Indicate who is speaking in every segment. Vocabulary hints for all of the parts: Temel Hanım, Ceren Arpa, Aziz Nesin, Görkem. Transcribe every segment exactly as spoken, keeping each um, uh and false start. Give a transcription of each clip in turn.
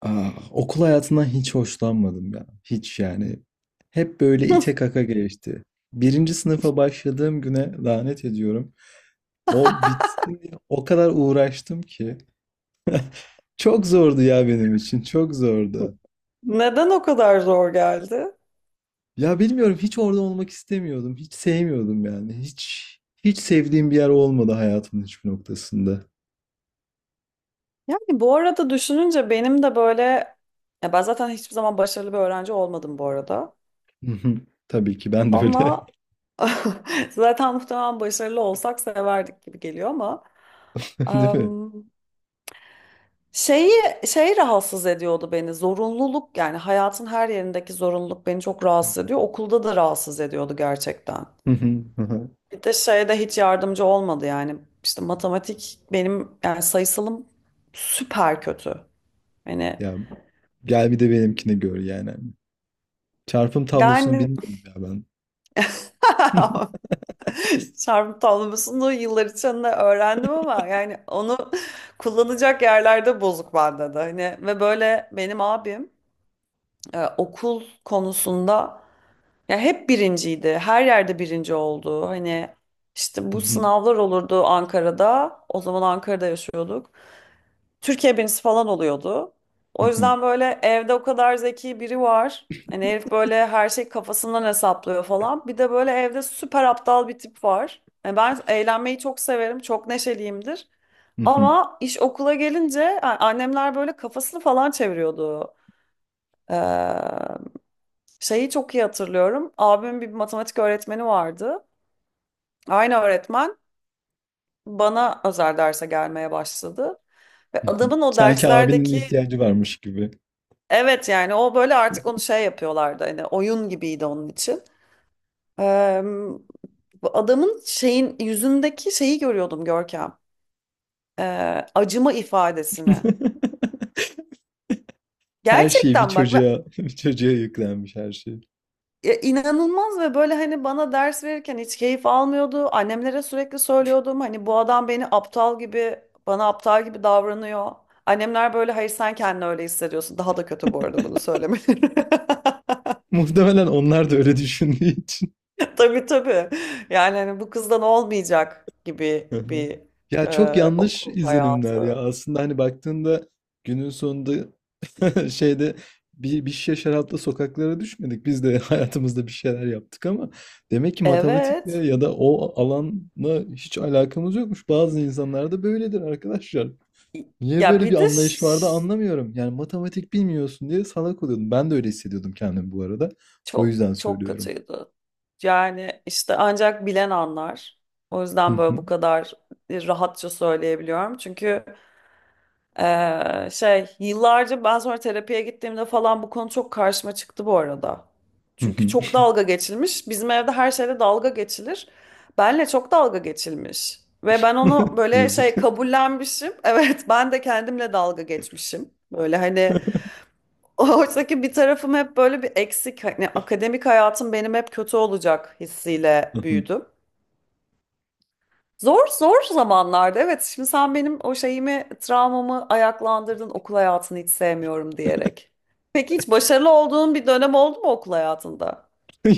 Speaker 1: Ah, okul hayatından hiç hoşlanmadım ya. Hiç yani. Hep böyle ite kaka geçti. Birinci sınıfa başladığım güne lanet ediyorum. O bitsin diye o kadar uğraştım ki. Çok zordu ya benim için. Çok zordu.
Speaker 2: Neden o kadar zor geldi?
Speaker 1: Ya bilmiyorum hiç orada olmak istemiyordum. Hiç sevmiyordum yani. Hiç hiç sevdiğim bir yer olmadı hayatımın hiçbir noktasında.
Speaker 2: Yani bu arada düşününce benim de böyle ya ben zaten hiçbir zaman başarılı bir öğrenci olmadım bu arada.
Speaker 1: Hı hı. Tabii ki ben de öyle.
Speaker 2: Ama zaten muhtemelen başarılı olsak severdik gibi geliyor ama
Speaker 1: Değil mi?
Speaker 2: em, şeyi şey rahatsız ediyordu beni. Zorunluluk yani hayatın her yerindeki zorunluluk beni çok rahatsız ediyor. Okulda da rahatsız ediyordu gerçekten.
Speaker 1: Hı hı, hı hı.
Speaker 2: Bir de şeye de hiç yardımcı olmadı yani. İşte matematik benim yani sayısalım süper kötü. Hani
Speaker 1: Ya gel bir de benimkini gör yani. Çarpım tablosunu
Speaker 2: yani
Speaker 1: bilmiyorum ya ben.
Speaker 2: çarpım tablosunu yıllar içinde öğrendim ama yani onu kullanacak yerlerde bozuk bende de. Hani ve böyle benim abim e, okul konusunda ya hep birinciydi. Her yerde birinci oldu. Hani işte bu sınavlar olurdu Ankara'da. O zaman Ankara'da yaşıyorduk. Türkiye birincisi falan oluyordu. O yüzden böyle evde o kadar zeki biri var. Hani herif böyle her şey kafasından hesaplıyor falan. Bir de böyle evde süper aptal bir tip var. Yani ben eğlenmeyi çok severim, çok neşeliyimdir. Ama iş okula gelince yani annemler böyle kafasını falan çeviriyordu. Ee, şeyi çok iyi hatırlıyorum. Abimin bir matematik öğretmeni vardı. Aynı öğretmen bana özel derse gelmeye başladı. Ve adamın o
Speaker 1: Sanki abinin
Speaker 2: derslerdeki
Speaker 1: ihtiyacı varmış gibi.
Speaker 2: Evet yani o böyle artık onu şey yapıyorlardı hani oyun gibiydi onun için. Eee, bu adamın şeyin yüzündeki şeyi görüyordum Görkem. Eee, acıma ifadesini.
Speaker 1: Her şeyi bir
Speaker 2: Gerçekten bak ve
Speaker 1: çocuğa bir çocuğa yüklenmiş her şey.
Speaker 2: e, inanılmaz ve böyle hani bana ders verirken hiç keyif almıyordu. Annemlere sürekli söylüyordum hani bu adam beni aptal gibi bana aptal gibi davranıyor. Annemler böyle hayır sen kendini öyle hissediyorsun. Daha da kötü bu arada bunu söylemeleri.
Speaker 1: Muhtemelen onlar da öyle düşündüğü için.
Speaker 2: Tabii tabii. Yani hani bu kızdan olmayacak gibi
Speaker 1: Hı hı.
Speaker 2: bir
Speaker 1: Ya çok
Speaker 2: e,
Speaker 1: yanlış
Speaker 2: okul
Speaker 1: izlenimler ya.
Speaker 2: hayatı.
Speaker 1: Aslında hani baktığında günün sonunda Şeyde bir, bir şişe şarapla sokaklara düşmedik. Biz de hayatımızda bir şeyler yaptık ama demek ki matematikle
Speaker 2: Evet.
Speaker 1: ya da o alanla hiç alakamız yokmuş. Bazı insanlarda böyledir arkadaşlar. Niye
Speaker 2: Ya
Speaker 1: böyle
Speaker 2: bir
Speaker 1: bir
Speaker 2: de
Speaker 1: anlayış vardı
Speaker 2: ş-
Speaker 1: anlamıyorum. Yani matematik bilmiyorsun diye salak oluyordum. Ben de öyle hissediyordum kendimi bu arada. O
Speaker 2: çok
Speaker 1: yüzden
Speaker 2: çok
Speaker 1: söylüyorum.
Speaker 2: kötüydü. Yani işte ancak bilen anlar. O yüzden böyle bu kadar e, rahatça söyleyebiliyorum. Çünkü Ee, şey yıllarca ben sonra terapiye gittiğimde falan bu konu çok karşıma çıktı bu arada. Çünkü çok dalga geçilmiş. Bizim evde her şeyde dalga geçilir. Benle çok dalga geçilmiş. Ve ben onu böyle
Speaker 1: Yazık.
Speaker 2: şey kabullenmişim. Evet ben de kendimle dalga geçmişim. Böyle hani oradaki bir tarafım hep böyle bir eksik. Hani akademik hayatım benim hep kötü olacak hissiyle büyüdüm. Zor zor zamanlarda evet şimdi sen benim o şeyimi travmamı ayaklandırdın okul hayatını hiç sevmiyorum diyerek. Peki hiç başarılı olduğun bir dönem oldu mu okul hayatında?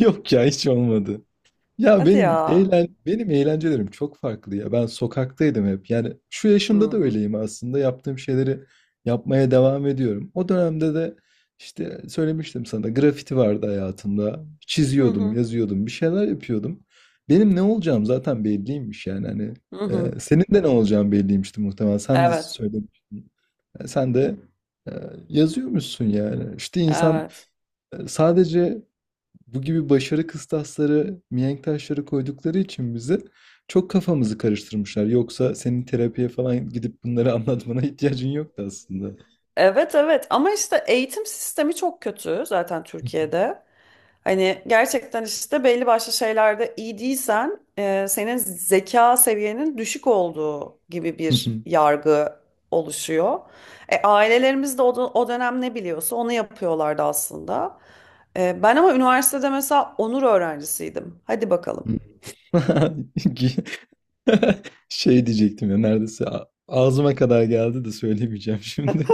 Speaker 1: Yok ya hiç olmadı. Ya
Speaker 2: Hadi
Speaker 1: benim
Speaker 2: ya.
Speaker 1: eğlen benim eğlencelerim çok farklı ya. Ben sokaktaydım hep. Yani şu yaşımda da
Speaker 2: Hmm.
Speaker 1: öyleyim aslında. Yaptığım şeyleri yapmaya devam ediyorum. O dönemde de işte söylemiştim sana grafiti vardı hayatımda.
Speaker 2: Hı
Speaker 1: Çiziyordum,
Speaker 2: hı.
Speaker 1: yazıyordum, bir şeyler yapıyordum. Benim ne olacağım zaten belliymiş yani hani.
Speaker 2: Hı hı.
Speaker 1: e, senin de ne olacağın belliymişti muhtemelen. Sen de
Speaker 2: Evet.
Speaker 1: söylemiştin. E, Sen de e, yazıyormuşsun yani. İşte insan
Speaker 2: Evet.
Speaker 1: e, sadece bu gibi başarı kıstasları, mihenk taşları koydukları için bize çok kafamızı karıştırmışlar. Yoksa senin terapiye falan gidip bunları anlatmana ihtiyacın yoktu aslında.
Speaker 2: Evet evet ama işte eğitim sistemi çok kötü zaten Türkiye'de. Hani gerçekten işte belli başlı şeylerde iyi değilsen e, senin zeka seviyenin düşük olduğu gibi bir yargı oluşuyor. E, ailelerimiz de o, dö- o dönem ne biliyorsa onu yapıyorlardı aslında. E, ben ama üniversitede mesela onur öğrencisiydim. Hadi bakalım.
Speaker 1: Şey diyecektim ya neredeyse a- ağzıma kadar geldi de söylemeyeceğim şimdi.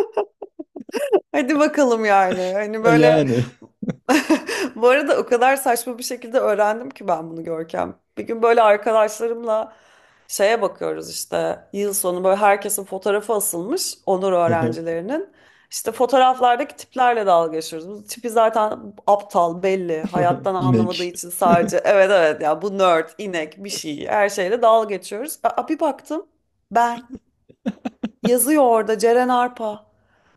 Speaker 2: Hadi bakalım yani. Hani böyle
Speaker 1: Yani
Speaker 2: bu arada o kadar saçma bir şekilde öğrendim ki ben bunu Görkem. Bir gün böyle arkadaşlarımla şeye bakıyoruz işte yıl sonu böyle herkesin fotoğrafı asılmış onur öğrencilerinin. İşte fotoğraflardaki tiplerle dalga geçiyoruz. Bu tipi zaten aptal belli. Hayattan anlamadığı
Speaker 1: inek.
Speaker 2: için sadece evet evet ya bu nerd, inek bir şey her şeyle dalga geçiyoruz. Aa, bir baktım ben. Yazıyor orada Ceren Arpa.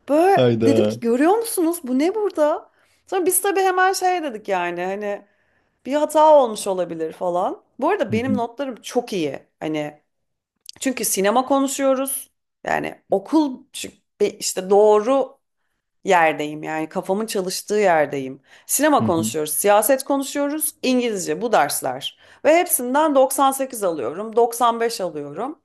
Speaker 2: Böyle dedim
Speaker 1: Hayda.
Speaker 2: ki görüyor musunuz bu ne burada? Sonra biz tabii hemen şey dedik yani hani bir hata olmuş olabilir falan. Bu arada benim notlarım çok iyi. Hani çünkü sinema konuşuyoruz. Yani okul çünkü be- işte doğru yerdeyim yani kafamın çalıştığı yerdeyim. Sinema konuşuyoruz, siyaset konuşuyoruz, İngilizce bu dersler. Ve hepsinden doksan sekiz alıyorum, doksan beş alıyorum.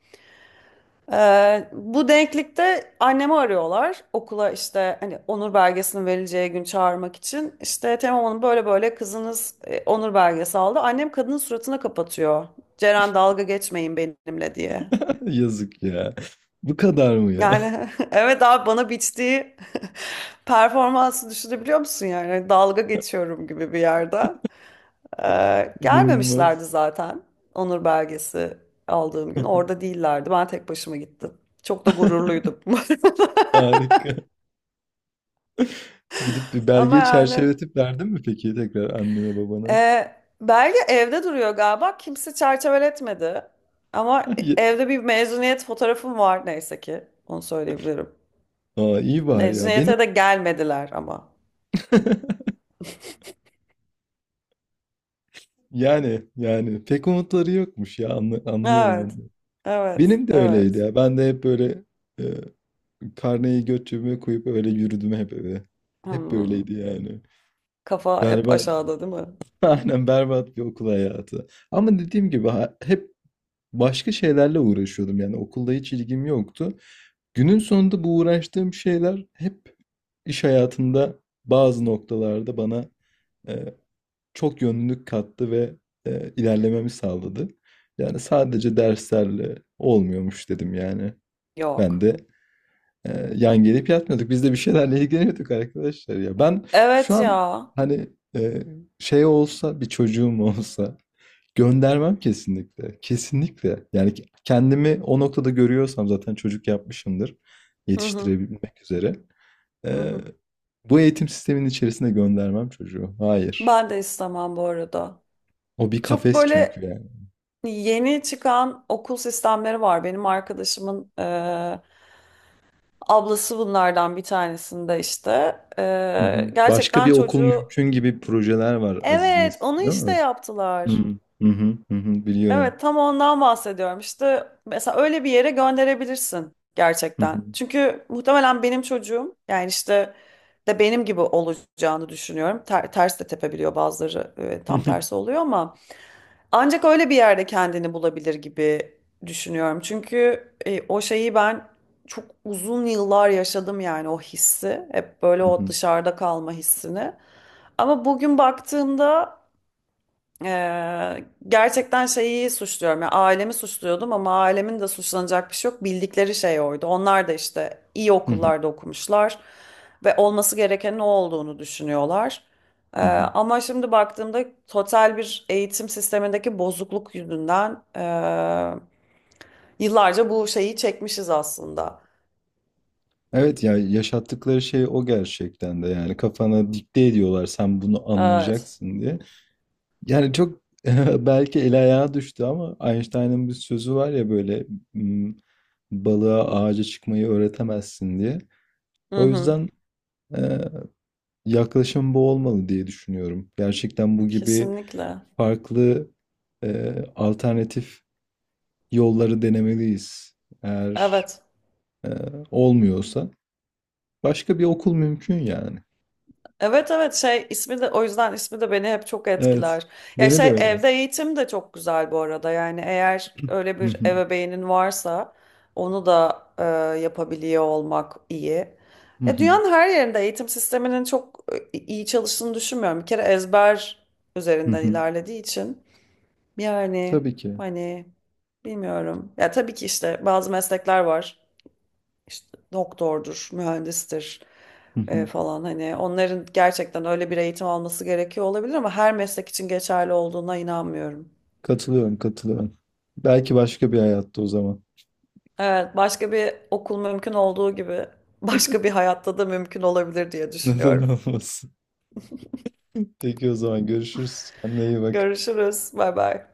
Speaker 2: Ee, bu denklikte annemi arıyorlar okula işte hani onur belgesinin verileceği gün çağırmak için. İşte Temel Hanım böyle böyle kızınız e, onur belgesi aldı. Annem kadının suratına kapatıyor. Ceren dalga geçmeyin benimle diye.
Speaker 1: Yazık ya. Bu kadar mı ya?
Speaker 2: Yani evet abi bana biçtiği performansı düşünebiliyor musun yani? Hani Dalga geçiyorum gibi bir yerde. Ee, gelmemişlerdi
Speaker 1: İnanılmaz.
Speaker 2: zaten onur belgesi aldığım gün. Orada değillerdi. Ben tek başıma gittim. Çok da gururluydum.
Speaker 1: Harika. Gidip bir
Speaker 2: Ama
Speaker 1: belgeyi
Speaker 2: yani
Speaker 1: çerçeveletip verdin mi peki tekrar annene babana?
Speaker 2: e, belge evde duruyor galiba. Kimse çerçeveletmedi. Ama
Speaker 1: Ay,
Speaker 2: evde bir mezuniyet fotoğrafım var neyse ki. Onu söyleyebilirim.
Speaker 1: Aa, iyi var ya. Benim
Speaker 2: Mezuniyete de gelmediler ama.
Speaker 1: yani yani pek umutları yokmuş ya anlı- anlıyorum
Speaker 2: Evet.
Speaker 1: onu.
Speaker 2: Evet.
Speaker 1: Benim de öyleydi
Speaker 2: Evet.
Speaker 1: ya. Ben de hep böyle e, karneyi göt cebime koyup öyle yürüdüm hep eve. Hep
Speaker 2: Hmm.
Speaker 1: böyleydi yani.
Speaker 2: Kafa hep
Speaker 1: Berbat.
Speaker 2: aşağıda değil mi?
Speaker 1: Aynen berbat bir okul hayatı. Ama dediğim gibi ha- hep başka şeylerle uğraşıyordum. Yani okulda hiç ilgim yoktu. Günün sonunda bu uğraştığım şeyler hep İş hayatında bazı noktalarda bana, eee, çok yönlülük kattı ve, eee, ilerlememi sağladı. Yani, sadece derslerle olmuyormuş dedim yani. Ben
Speaker 2: Yok.
Speaker 1: de, eee, yan gelip yatmıyorduk. Biz de bir şeylerle ilgileniyorduk arkadaşlar ya. Ben şu
Speaker 2: Evet
Speaker 1: an,
Speaker 2: ya.
Speaker 1: hani, eee, şey olsa, bir çocuğum olsa göndermem kesinlikle. Kesinlikle. Yani, kendimi o noktada görüyorsam zaten çocuk yapmışımdır
Speaker 2: Hı hı.
Speaker 1: yetiştirebilmek üzere.
Speaker 2: Hı
Speaker 1: Eee,
Speaker 2: hı.
Speaker 1: bu eğitim sisteminin içerisine göndermem çocuğu. Hayır.
Speaker 2: Ben de istemem bu arada.
Speaker 1: O bir
Speaker 2: Çok
Speaker 1: kafes çünkü
Speaker 2: böyle
Speaker 1: yani.
Speaker 2: yeni çıkan okul sistemleri var. Benim arkadaşımın Ablası bunlardan bir tanesinde işte.
Speaker 1: Hı hı.
Speaker 2: Ee,
Speaker 1: Başka bir
Speaker 2: gerçekten
Speaker 1: okul
Speaker 2: çocuğu
Speaker 1: mümkün gibi projeler var Aziz
Speaker 2: evet
Speaker 1: Nesin,
Speaker 2: onu
Speaker 1: değil
Speaker 2: işte
Speaker 1: mi? Hı
Speaker 2: yaptılar.
Speaker 1: hı. Hı hı. Hı hı. Biliyorum.
Speaker 2: Evet tam ondan bahsediyorum. İşte mesela öyle bir yere gönderebilirsin
Speaker 1: Hı
Speaker 2: gerçekten.
Speaker 1: hı.
Speaker 2: Çünkü muhtemelen benim çocuğum yani işte de benim gibi olacağını düşünüyorum. Ter- ters de tepebiliyor bazıları e, tam tersi oluyor ama. Ancak öyle bir yerde kendini bulabilir gibi düşünüyorum. Çünkü e, o şeyi ben çok uzun yıllar yaşadım yani o hissi. Hep böyle
Speaker 1: Hı
Speaker 2: o
Speaker 1: hı.
Speaker 2: dışarıda kalma hissini. Ama bugün baktığımda Eee, gerçekten şeyi suçluyorum. Yani ailemi suçluyordum ama ailemin de suçlanacak bir şey yok. Bildikleri şey oydu. Onlar da işte iyi
Speaker 1: Hı hı. Hı hı.
Speaker 2: okullarda okumuşlar ve olması gereken ne olduğunu düşünüyorlar. Eee,
Speaker 1: Hı hı.
Speaker 2: ama şimdi baktığımda total bir eğitim sistemindeki bozukluk yüzünden eee, yıllarca bu şeyi çekmişiz aslında.
Speaker 1: Evet ya yaşattıkları şey o gerçekten de yani kafana dikte ediyorlar sen bunu
Speaker 2: Evet.
Speaker 1: anlayacaksın diye. Yani çok belki el ayağa düştü ama Einstein'ın bir sözü var ya böyle "M, balığa ağaca çıkmayı öğretemezsin diye.
Speaker 2: Hı
Speaker 1: O
Speaker 2: hı.
Speaker 1: yüzden e, yaklaşım bu olmalı diye düşünüyorum. Gerçekten bu gibi
Speaker 2: Kesinlikle.
Speaker 1: farklı e, alternatif yolları denemeliyiz. Eğer
Speaker 2: Evet.
Speaker 1: e, olmuyorsa başka bir okul mümkün yani.
Speaker 2: Evet evet şey ismi de o yüzden ismi de beni hep çok
Speaker 1: Evet,
Speaker 2: etkiler. Ya
Speaker 1: beni de
Speaker 2: şey
Speaker 1: öyle.
Speaker 2: evde eğitim de çok güzel bu arada. Yani eğer öyle
Speaker 1: Hı
Speaker 2: bir
Speaker 1: hı,
Speaker 2: ebeveynin varsa onu da e, yapabiliyor olmak iyi.
Speaker 1: hı
Speaker 2: Ya
Speaker 1: hı,
Speaker 2: dünyanın her yerinde eğitim sisteminin çok e, iyi çalıştığını düşünmüyorum. Bir kere ezber
Speaker 1: hı
Speaker 2: üzerinden
Speaker 1: hı.
Speaker 2: ilerlediği için yani
Speaker 1: Tabii ki.
Speaker 2: hani bilmiyorum. Ya tabii ki işte bazı meslekler var işte doktordur, mühendistir
Speaker 1: Hı hı.
Speaker 2: e, falan hani onların gerçekten öyle bir eğitim alması gerekiyor olabilir ama her meslek için geçerli olduğuna inanmıyorum.
Speaker 1: Katılıyorum, katılıyorum. Belki başka bir hayatta o zaman.
Speaker 2: Evet, başka bir okul mümkün olduğu gibi başka bir hayatta da mümkün olabilir diye
Speaker 1: Neden
Speaker 2: düşünüyorum.
Speaker 1: olmasın? Peki o zaman görüşürüz. Kendine iyi bak.
Speaker 2: Görüşürüz. Bay bay.